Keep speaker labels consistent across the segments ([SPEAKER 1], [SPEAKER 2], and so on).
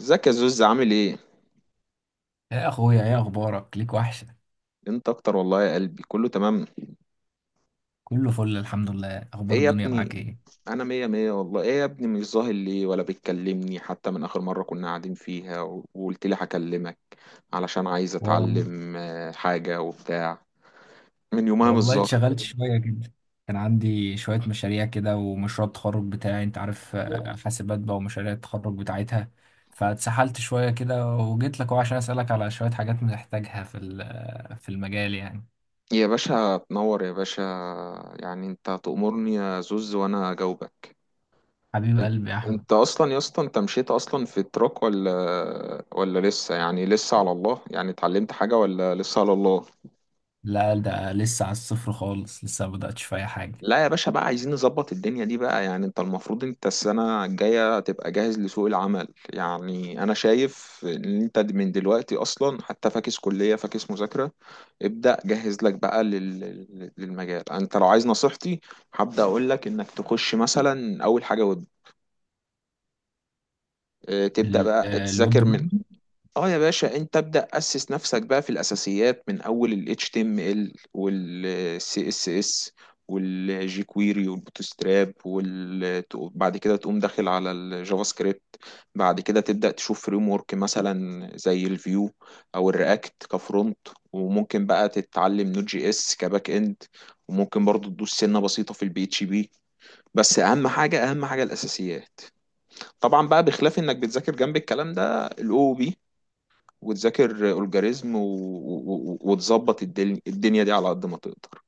[SPEAKER 1] ازيك يا زوز؟ عامل ايه؟
[SPEAKER 2] يا اخويا، ايه اخبارك؟ ليك وحشه.
[SPEAKER 1] انت اكتر والله يا قلبي، كله تمام.
[SPEAKER 2] كله فل الحمد لله. اخبار
[SPEAKER 1] ايه يا
[SPEAKER 2] الدنيا
[SPEAKER 1] ابني؟
[SPEAKER 2] معاك ايه؟
[SPEAKER 1] انا مية مية والله. ايه يا ابني؟ مش ظاهر ليه ولا بتكلمني حتى من اخر مرة كنا قاعدين فيها وقلت لي هكلمك علشان عايز
[SPEAKER 2] والله
[SPEAKER 1] اتعلم حاجة وبتاع. من يومها مش ظاهر.
[SPEAKER 2] اتشغلت شويه كده. كان عندي شويه مشاريع كده، ومشروع التخرج بتاعي انت عارف، حاسبات بقى ومشاريع التخرج بتاعتها. فاتسحلت شويه كده، وجيت لك أهو عشان اسالك على شويه حاجات محتاجها في المجال يعني.
[SPEAKER 1] يا باشا تنور يا باشا. يعني انت تأمرني يا زوز وانا اجاوبك.
[SPEAKER 2] حبيب
[SPEAKER 1] ان-
[SPEAKER 2] قلبي يا احمد.
[SPEAKER 1] انت اصلا يا اسطى، انت مشيت اصلا في التراك ولا لسه؟ يعني لسه على الله، يعني اتعلمت حاجة ولا لسه على الله؟
[SPEAKER 2] لا، ده لسه على الصفر خالص، لسه ما بداتش في اي حاجه.
[SPEAKER 1] لا يا باشا، بقى عايزين نظبط الدنيا دي بقى. يعني انت المفروض انت السنة الجاية تبقى جاهز لسوق العمل. يعني انا شايف ان انت من دلوقتي اصلا، حتى فاكس كلية فاكس مذاكرة. ابدأ جهز لك بقى للمجال، انت لو عايز نصيحتي. هبدأ اقول لك انك تخش مثلا اول حاجة ويب. اه، تبدأ بقى
[SPEAKER 2] الويب
[SPEAKER 1] تذاكر من
[SPEAKER 2] ديفلوبمنت
[SPEAKER 1] اه يا باشا، انت ابدأ اسس نفسك بقى في الاساسيات من اول ال HTML وال CSS وال jQuery وال Bootstrap وال بعد كده تقوم داخل على الجافا سكريبت. بعد كده تبدأ تشوف فريم ورك مثلا زي الفيو، او الرياكت كفرونت. وممكن بقى تتعلم نوت جي اس كباك اند. وممكن برضو تدوس سنة بسيطة في البي اتش بي. بس اهم حاجة، اهم حاجة الاساسيات. طبعا بقى بخلاف انك بتذاكر جنب الكلام ده الاو بي وتذاكر الجوريزم وتظبط الدنيا دي على قد ما تقدر.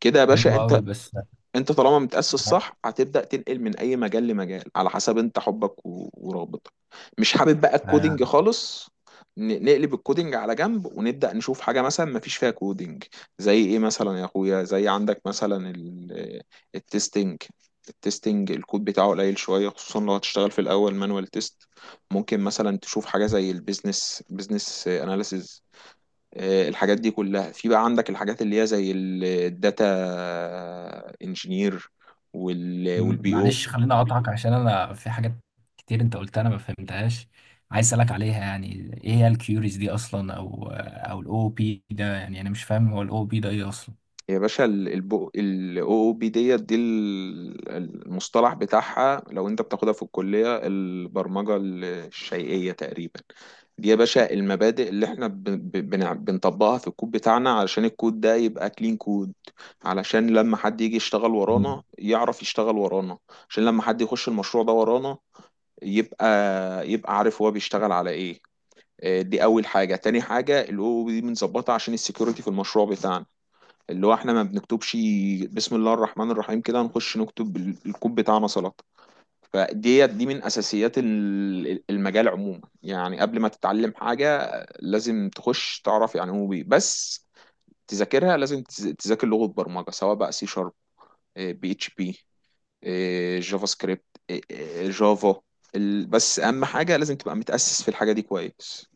[SPEAKER 1] كده يا باشا
[SPEAKER 2] حلو
[SPEAKER 1] انت
[SPEAKER 2] قوي، بس
[SPEAKER 1] انت طالما متأسس صح هتبدأ تنقل من اي مجال لمجال على حسب انت حبك ورغبتك. مش حابب بقى الكودينج خالص، نقلب الكودينج على جنب ونبدأ نشوف حاجة مثلا ما فيش فيها كودينج. زي ايه مثلا يا اخويا، زي عندك مثلا التستنج. التستنج الكود بتاعه قليل شوية، خصوصا لو هتشتغل في الاول مانوال تيست. ممكن مثلا تشوف حاجة زي بيزنس اناليسز. الحاجات دي كلها في. بقى عندك الحاجات اللي هي زي الداتا انجينير، والبي او.
[SPEAKER 2] معلش خليني اقاطعك عشان انا في حاجات كتير انت قلتها انا ما فهمتهاش، عايز اسالك عليها. يعني ايه هي الكيوريز دي اصلا، او OOP ده؟ يعني انا مش فاهم هو OOP ده ايه اصلا.
[SPEAKER 1] يا باشا الاو او بي ديت دي المصطلح بتاعها لو انت بتاخدها في الكلية البرمجة الشيئية تقريبا. دي يا باشا المبادئ اللي احنا بنطبقها في الكود بتاعنا علشان الكود ده يبقى كلين كود. علشان لما حد يجي يشتغل ورانا يعرف يشتغل ورانا. عشان لما حد يخش المشروع ده ورانا يبقى يبقى عارف هو بيشتغل على ايه. دي اول حاجه. تاني حاجه الاو دي بنظبطها عشان السكيورتي في المشروع بتاعنا، اللي هو احنا ما بنكتبش بسم الله الرحمن الرحيم كده نخش نكتب الكود بتاعنا سلطه. فديت دي من اساسيات المجال عموما، يعني قبل ما تتعلم حاجه لازم تخش تعرف يعني هو بيه. بس تذاكرها لازم تذاكر لغه برمجه سواء بقى سي شارب، بي اتش بي، جافا سكريبت، إيه، إيه، جافا. بس اهم حاجه لازم تبقى متاسس في الحاجه دي كويس.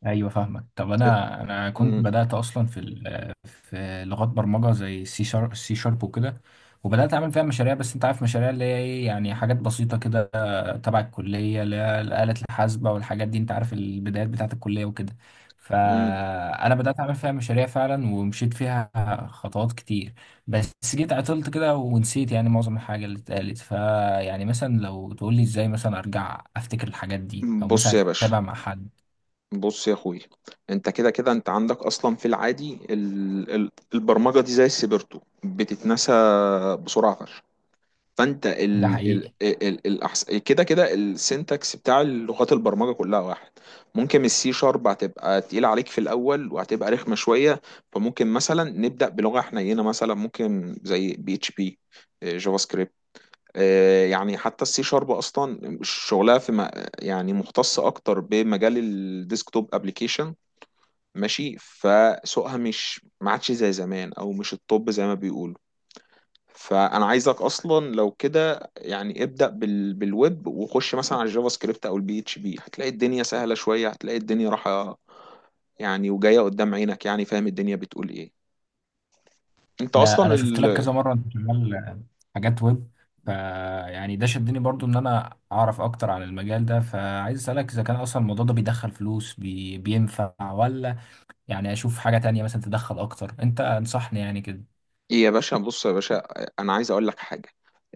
[SPEAKER 2] ايوه فاهمك. طب انا كنت
[SPEAKER 1] أمم،
[SPEAKER 2] بدات اصلا في لغات برمجه زي C#، وكده. وبدات اعمل فيها مشاريع، بس انت عارف مشاريع اللي هي ايه، يعني حاجات بسيطه كده تبع الكليه، اللي هي الاله الحاسبه والحاجات دي، انت عارف البدايات بتاعه الكليه وكده.
[SPEAKER 1] أمم.
[SPEAKER 2] فانا بدات اعمل فيها مشاريع فعلا، ومشيت فيها خطوات كتير. بس جيت عطلت كده ونسيت يعني معظم الحاجه اللي اتقالت. فيعني مثلا لو تقول لي ازاي مثلا ارجع افتكر الحاجات دي، او
[SPEAKER 1] بص
[SPEAKER 2] مثلا
[SPEAKER 1] يا باشا،
[SPEAKER 2] اتابع مع حد.
[SPEAKER 1] بص يا اخوي. انت كده كده، انت عندك اصلا في العادي البرمجه دي زي السيبرتو بتتنسى بسرعه فشخ. فانت
[SPEAKER 2] ده حقيقي.
[SPEAKER 1] كده كده السنتكس بتاع لغات البرمجه كلها واحد. ممكن السي شارب هتبقى تقيله عليك في الاول وهتبقى رخمه شويه. فممكن مثلا نبدا بلغه حنينه مثلا ممكن زي بي اتش بي، جافا سكريبت. يعني حتى السي شارب اصلا شغلها في يعني مختصه اكتر بمجال الديسكتوب ابلكيشن. ماشي فسوقها مش ما عادش زي زمان، او مش الطب زي ما بيقولوا. فانا عايزك اصلا لو كده يعني ابدأ بالويب، وخش مثلا على الجافا سكريبت او البي اتش بي، هتلاقي الدنيا سهلة شوية، هتلاقي الدنيا راحة. يعني وجاية قدام عينك، يعني فاهم الدنيا بتقول ايه انت
[SPEAKER 2] انا
[SPEAKER 1] اصلا.
[SPEAKER 2] انا شفت لك كذا مره انت شغال حاجات ويب، ف يعني ده شدني برضو ان انا اعرف اكتر عن المجال ده. فعايز اسالك اذا كان اصلا الموضوع ده بيدخل فلوس، بينفع ولا يعني اشوف حاجه تانية مثلا تدخل اكتر. انت انصحني يعني كده.
[SPEAKER 1] إيه يا باشا، بص يا باشا، انا عايز اقول لك حاجه.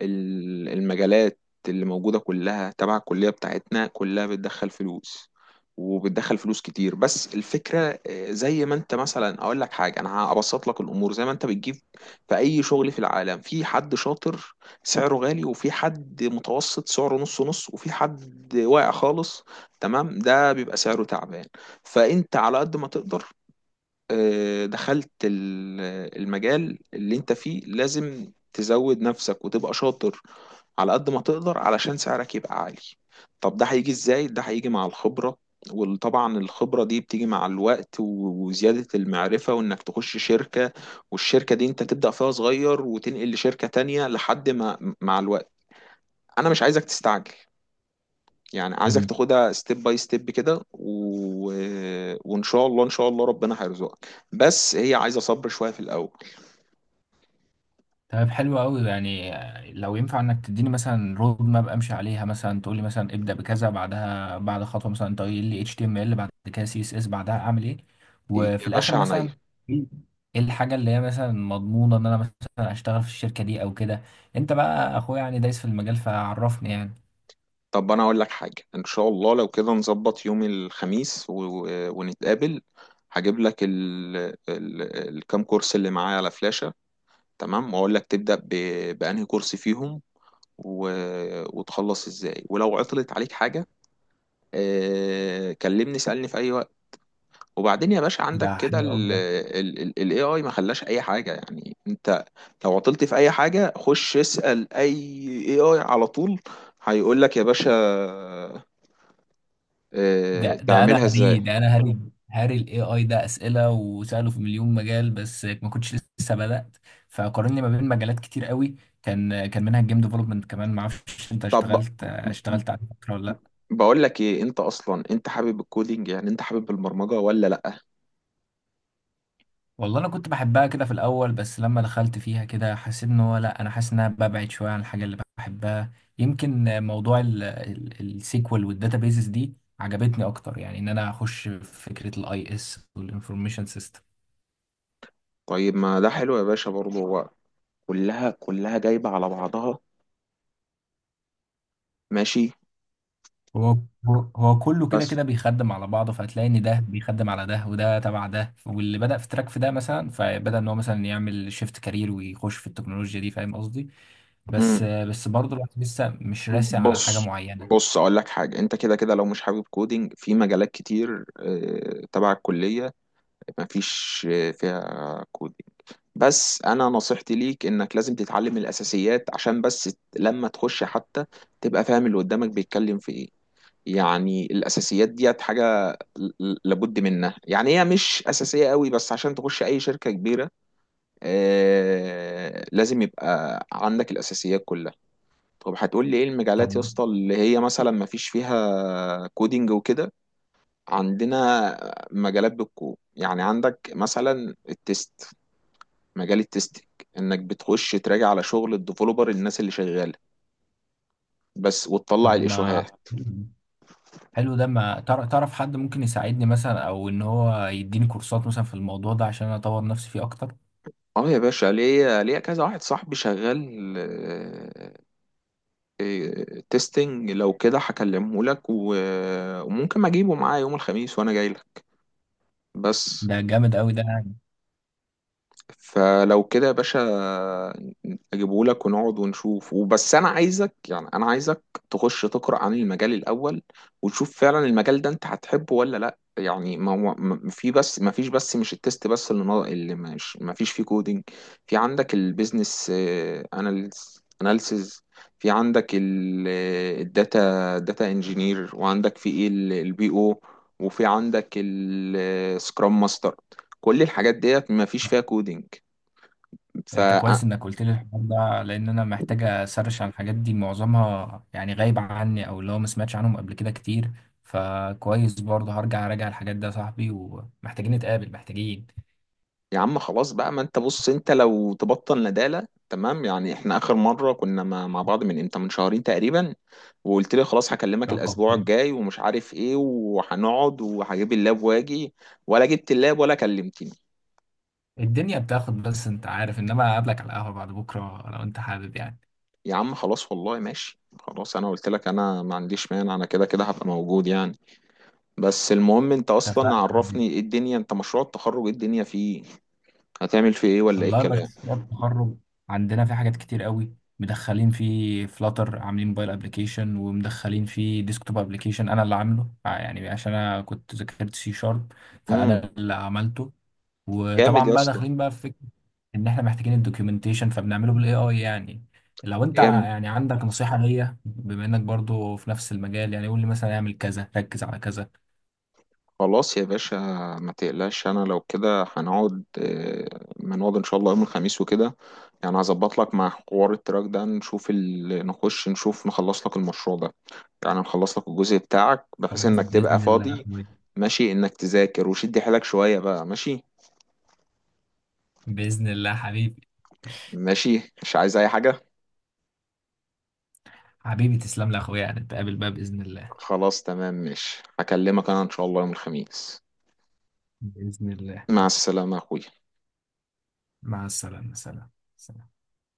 [SPEAKER 1] المجالات اللي موجوده كلها تبع الكليه بتاعتنا كلها بتدخل فلوس، وبتدخل فلوس كتير. بس الفكره، زي ما انت مثلا اقول لك حاجه، انا هبسط لك الامور زي ما انت بتجيب. في اي شغل في العالم في حد شاطر سعره غالي، وفي حد متوسط سعره نص نص، وفي حد واقع خالص تمام، ده بيبقى سعره تعبان. فانت على قد ما تقدر دخلت المجال اللي انت فيه لازم تزود نفسك وتبقى شاطر على قد ما تقدر علشان سعرك يبقى عالي. طب ده هيجي ازاي؟ ده هيجي مع الخبرة، وطبعا الخبرة دي بتيجي مع الوقت، وزيادة المعرفة، وانك تخش شركة. والشركة دي انت تبدأ فيها صغير وتنقل لشركة تانية لحد ما، مع الوقت. انا مش عايزك تستعجل، يعني عايزك تاخدها ستيب باي ستيب كده. وان شاء الله ان شاء الله ربنا هيرزقك. بس هي عايزه صبر شويه في الاول.
[SPEAKER 2] طيب حلو قوي يعني، لو ينفع انك تديني مثلا Roadmap امشي عليها، مثلا تقول لي مثلا ابدا بكذا، بعدها بعد خطوه مثلا انت قايل لي HTML، بعد كده CSS، بعدها اعمل ايه.
[SPEAKER 1] إيه
[SPEAKER 2] وفي
[SPEAKER 1] يا
[SPEAKER 2] الاخر
[SPEAKER 1] باشا،
[SPEAKER 2] مثلا
[SPEAKER 1] عينيا.
[SPEAKER 2] ايه الحاجه اللي هي مثلا مضمونه ان انا مثلا اشتغل في الشركه دي او كده. انت بقى اخويا يعني دايس في المجال، فعرفني يعني.
[SPEAKER 1] طب انا اقول لك حاجه، ان شاء الله لو كده نظبط يوم الخميس ونتقابل. هجيب لك ال... الكام كورس اللي معايا على فلاشه. تمام، واقول لك تبدا بانهي كورس فيهم، و... وتخلص ازاي. ولو عطلت عليك حاجه كلمني، سألني في اي وقت. وبعدين يا باشا
[SPEAKER 2] ده
[SPEAKER 1] عندك كده
[SPEAKER 2] حلو قوي
[SPEAKER 1] ال AI، ما خلاش اي حاجة يعني. انت لو عطلت في اي حاجة خش اسأل اي AI على طول، هيقول لك يا باشا اه
[SPEAKER 2] ده. ده انا
[SPEAKER 1] تعملها ازاي.
[SPEAKER 2] هري ده انا هري هاري AI ده اسئله وساله في مليون مجال، بس ما كنتش لسه بدات. فقارني ما بين مجالات كتير قوي، كان منها الجيم ديفلوبمنت كمان. ما اعرفش انت
[SPEAKER 1] طب
[SPEAKER 2] اشتغلت على فكره ولا لا؟
[SPEAKER 1] بقول لك ايه، انت اصلا انت حابب الكودينج، يعني انت حابب البرمجة ولا لا؟
[SPEAKER 2] والله انا كنت بحبها كده في الاول، بس لما دخلت فيها كده حسيت ان هو لا، انا حاسس ان انا ببعد شويه عن الحاجه اللي بحبها. يمكن موضوع السيكوال والداتابيزز دي عجبتني اكتر، يعني ان انا اخش في فكره IS والانفورميشن سيستم.
[SPEAKER 1] طيب ما ده حلو يا باشا برضه، هو كلها كلها جايبة على بعضها. ماشي.
[SPEAKER 2] هو هو كله كده
[SPEAKER 1] بس
[SPEAKER 2] كده بيخدم على بعضه، فهتلاقي ان ده بيخدم على ده، وده تبع ده، واللي بدأ في تراك في ده مثلا فبدأ ان هو مثلا يعمل شيفت كارير ويخش في التكنولوجيا دي. فاهم قصدي؟ بس برضه الواحد لسه مش راسي على حاجة
[SPEAKER 1] بص،
[SPEAKER 2] معينة.
[SPEAKER 1] بص اقول لك حاجه. انت كده كده لو مش حابب كودينج في مجالات كتير تبع الكليه مفيش فيها كودينج. بس انا نصيحتي ليك انك لازم تتعلم الاساسيات، عشان بس لما تخش حتى تبقى فاهم اللي قدامك بيتكلم في ايه. يعني الاساسيات ديت حاجه لابد منها. يعني هي مش اساسيه قوي، بس عشان تخش اي شركه كبيره لازم يبقى عندك الاساسيات كلها. طب هتقول لي ايه
[SPEAKER 2] طب
[SPEAKER 1] المجالات يا اسطى اللي هي مثلا ما فيش فيها كودينج وكده؟ عندنا مجالات بالكود، يعني عندك مثلا التست، مجال التستنج انك بتخش تراجع على شغل الديفلوبر الناس اللي شغاله بس، وتطلع
[SPEAKER 2] طب ما
[SPEAKER 1] الايشوهات.
[SPEAKER 2] حلو ده. ما تعرف حد ممكن يساعدني مثلا، او ان هو يديني كورسات مثلا في الموضوع ده عشان اطور نفسي فيه اكتر؟
[SPEAKER 1] اه يا باشا، ليا ليا كذا واحد صاحبي شغال تستنج، لو كده هكلمه لك وممكن اجيبه معايا يوم الخميس وانا جاي لك. بس
[SPEAKER 2] ده جامد قوي ده.
[SPEAKER 1] فلو كده يا باشا اجيبهولك ونقعد ونشوف. وبس انا عايزك، يعني انا عايزك تخش تقرا عن المجال الاول، وتشوف فعلا المجال ده انت هتحبه ولا لا. يعني ما هو في بس ما فيش بس مش التست بس اللي مش ما فيش فيه كودينج. في عندك البيزنس اناليسز، في عندك الداتا انجينير، وعندك في ايه، البي او، وفي عندك السكرام ماستر. كل الحاجات ديت ما فيش فيها كودينج. ف
[SPEAKER 2] انت
[SPEAKER 1] آه،
[SPEAKER 2] كويس انك قلت لي الحوار ده، لان انا محتاج اسرش عن الحاجات دي، معظمها يعني غايب عني، او اللي هو ما سمعتش عنهم قبل كده كتير. فكويس برضه هرجع اراجع الحاجات ده يا صاحبي. ومحتاجين نتقابل، محتاجين
[SPEAKER 1] يا عم خلاص بقى، ما انت بص، انت لو تبطل ندالة تمام، يعني احنا اخر مرة كنا مع بعض من امتى؟ من شهرين تقريبا. وقلت لي خلاص هكلمك
[SPEAKER 2] رقم
[SPEAKER 1] الاسبوع
[SPEAKER 2] برضه.
[SPEAKER 1] الجاي ومش عارف ايه، وهنقعد وهجيب اللاب واجي، ولا جبت اللاب ولا كلمتني.
[SPEAKER 2] الدنيا بتاخد، بس انت عارف. انما اقابلك على القهوة بعد بكرة لو انت حابب يعني.
[SPEAKER 1] يا عم خلاص والله ماشي خلاص، انا قلت لك انا ما عنديش مانع، انا كده كده هبقى موجود يعني. بس المهم انت
[SPEAKER 2] اتفقنا.
[SPEAKER 1] اصلا عرفني، ايه الدنيا؟ انت مشروع التخرج ايه الدنيا فيه؟ هتعمل فيه ايه؟ ولا ايه
[SPEAKER 2] والله
[SPEAKER 1] الكلام؟
[SPEAKER 2] مشروع التخرج عندنا فيه حاجات كتير قوي، مدخلين فيه فلاتر، عاملين موبايل ابلكيشن، ومدخلين فيه ديسكتوب ابلكيشن انا اللي عامله، يعني عشان انا كنت ذاكرت C#،
[SPEAKER 1] امم.
[SPEAKER 2] فانا اللي عملته.
[SPEAKER 1] جامد
[SPEAKER 2] وطبعا
[SPEAKER 1] يا
[SPEAKER 2] بقى
[SPEAKER 1] اسطى.
[SPEAKER 2] داخلين بقى في فكره ان احنا محتاجين الدوكيومنتيشن، فبنعمله بالاي اي يعني. لو انت
[SPEAKER 1] جامد.
[SPEAKER 2] يعني عندك نصيحه ليا، بما انك برضو في نفس المجال، يعني قول لي مثلا اعمل كذا، ركز على كذا.
[SPEAKER 1] خلاص يا باشا، ما تقلقش، انا لو كده هنقعد ما نقعد ان شاء الله يوم الخميس وكده. يعني هظبط لك مع حوار التراك ده، نشوف نخش نشوف نخلص لك المشروع ده، يعني نخلص لك الجزء بتاعك بحيث
[SPEAKER 2] خلاص
[SPEAKER 1] انك تبقى
[SPEAKER 2] باذن الله يا
[SPEAKER 1] فاضي.
[SPEAKER 2] اخويا.
[SPEAKER 1] ماشي انك تذاكر وشد حيلك شوية بقى، ماشي.
[SPEAKER 2] باذن الله حبيبي.
[SPEAKER 1] ماشي، مش عايز اي حاجة.
[SPEAKER 2] حبيبي تسلم لي يا اخويا، يعني نتقابل بقى باذن الله.
[SPEAKER 1] خلاص تمام ماشي، هكلمك انا ان شاء الله يوم الخميس.
[SPEAKER 2] بإذن الله.
[SPEAKER 1] مع السلامة يا اخويا.
[SPEAKER 2] مع السلامة. سلام. سلام.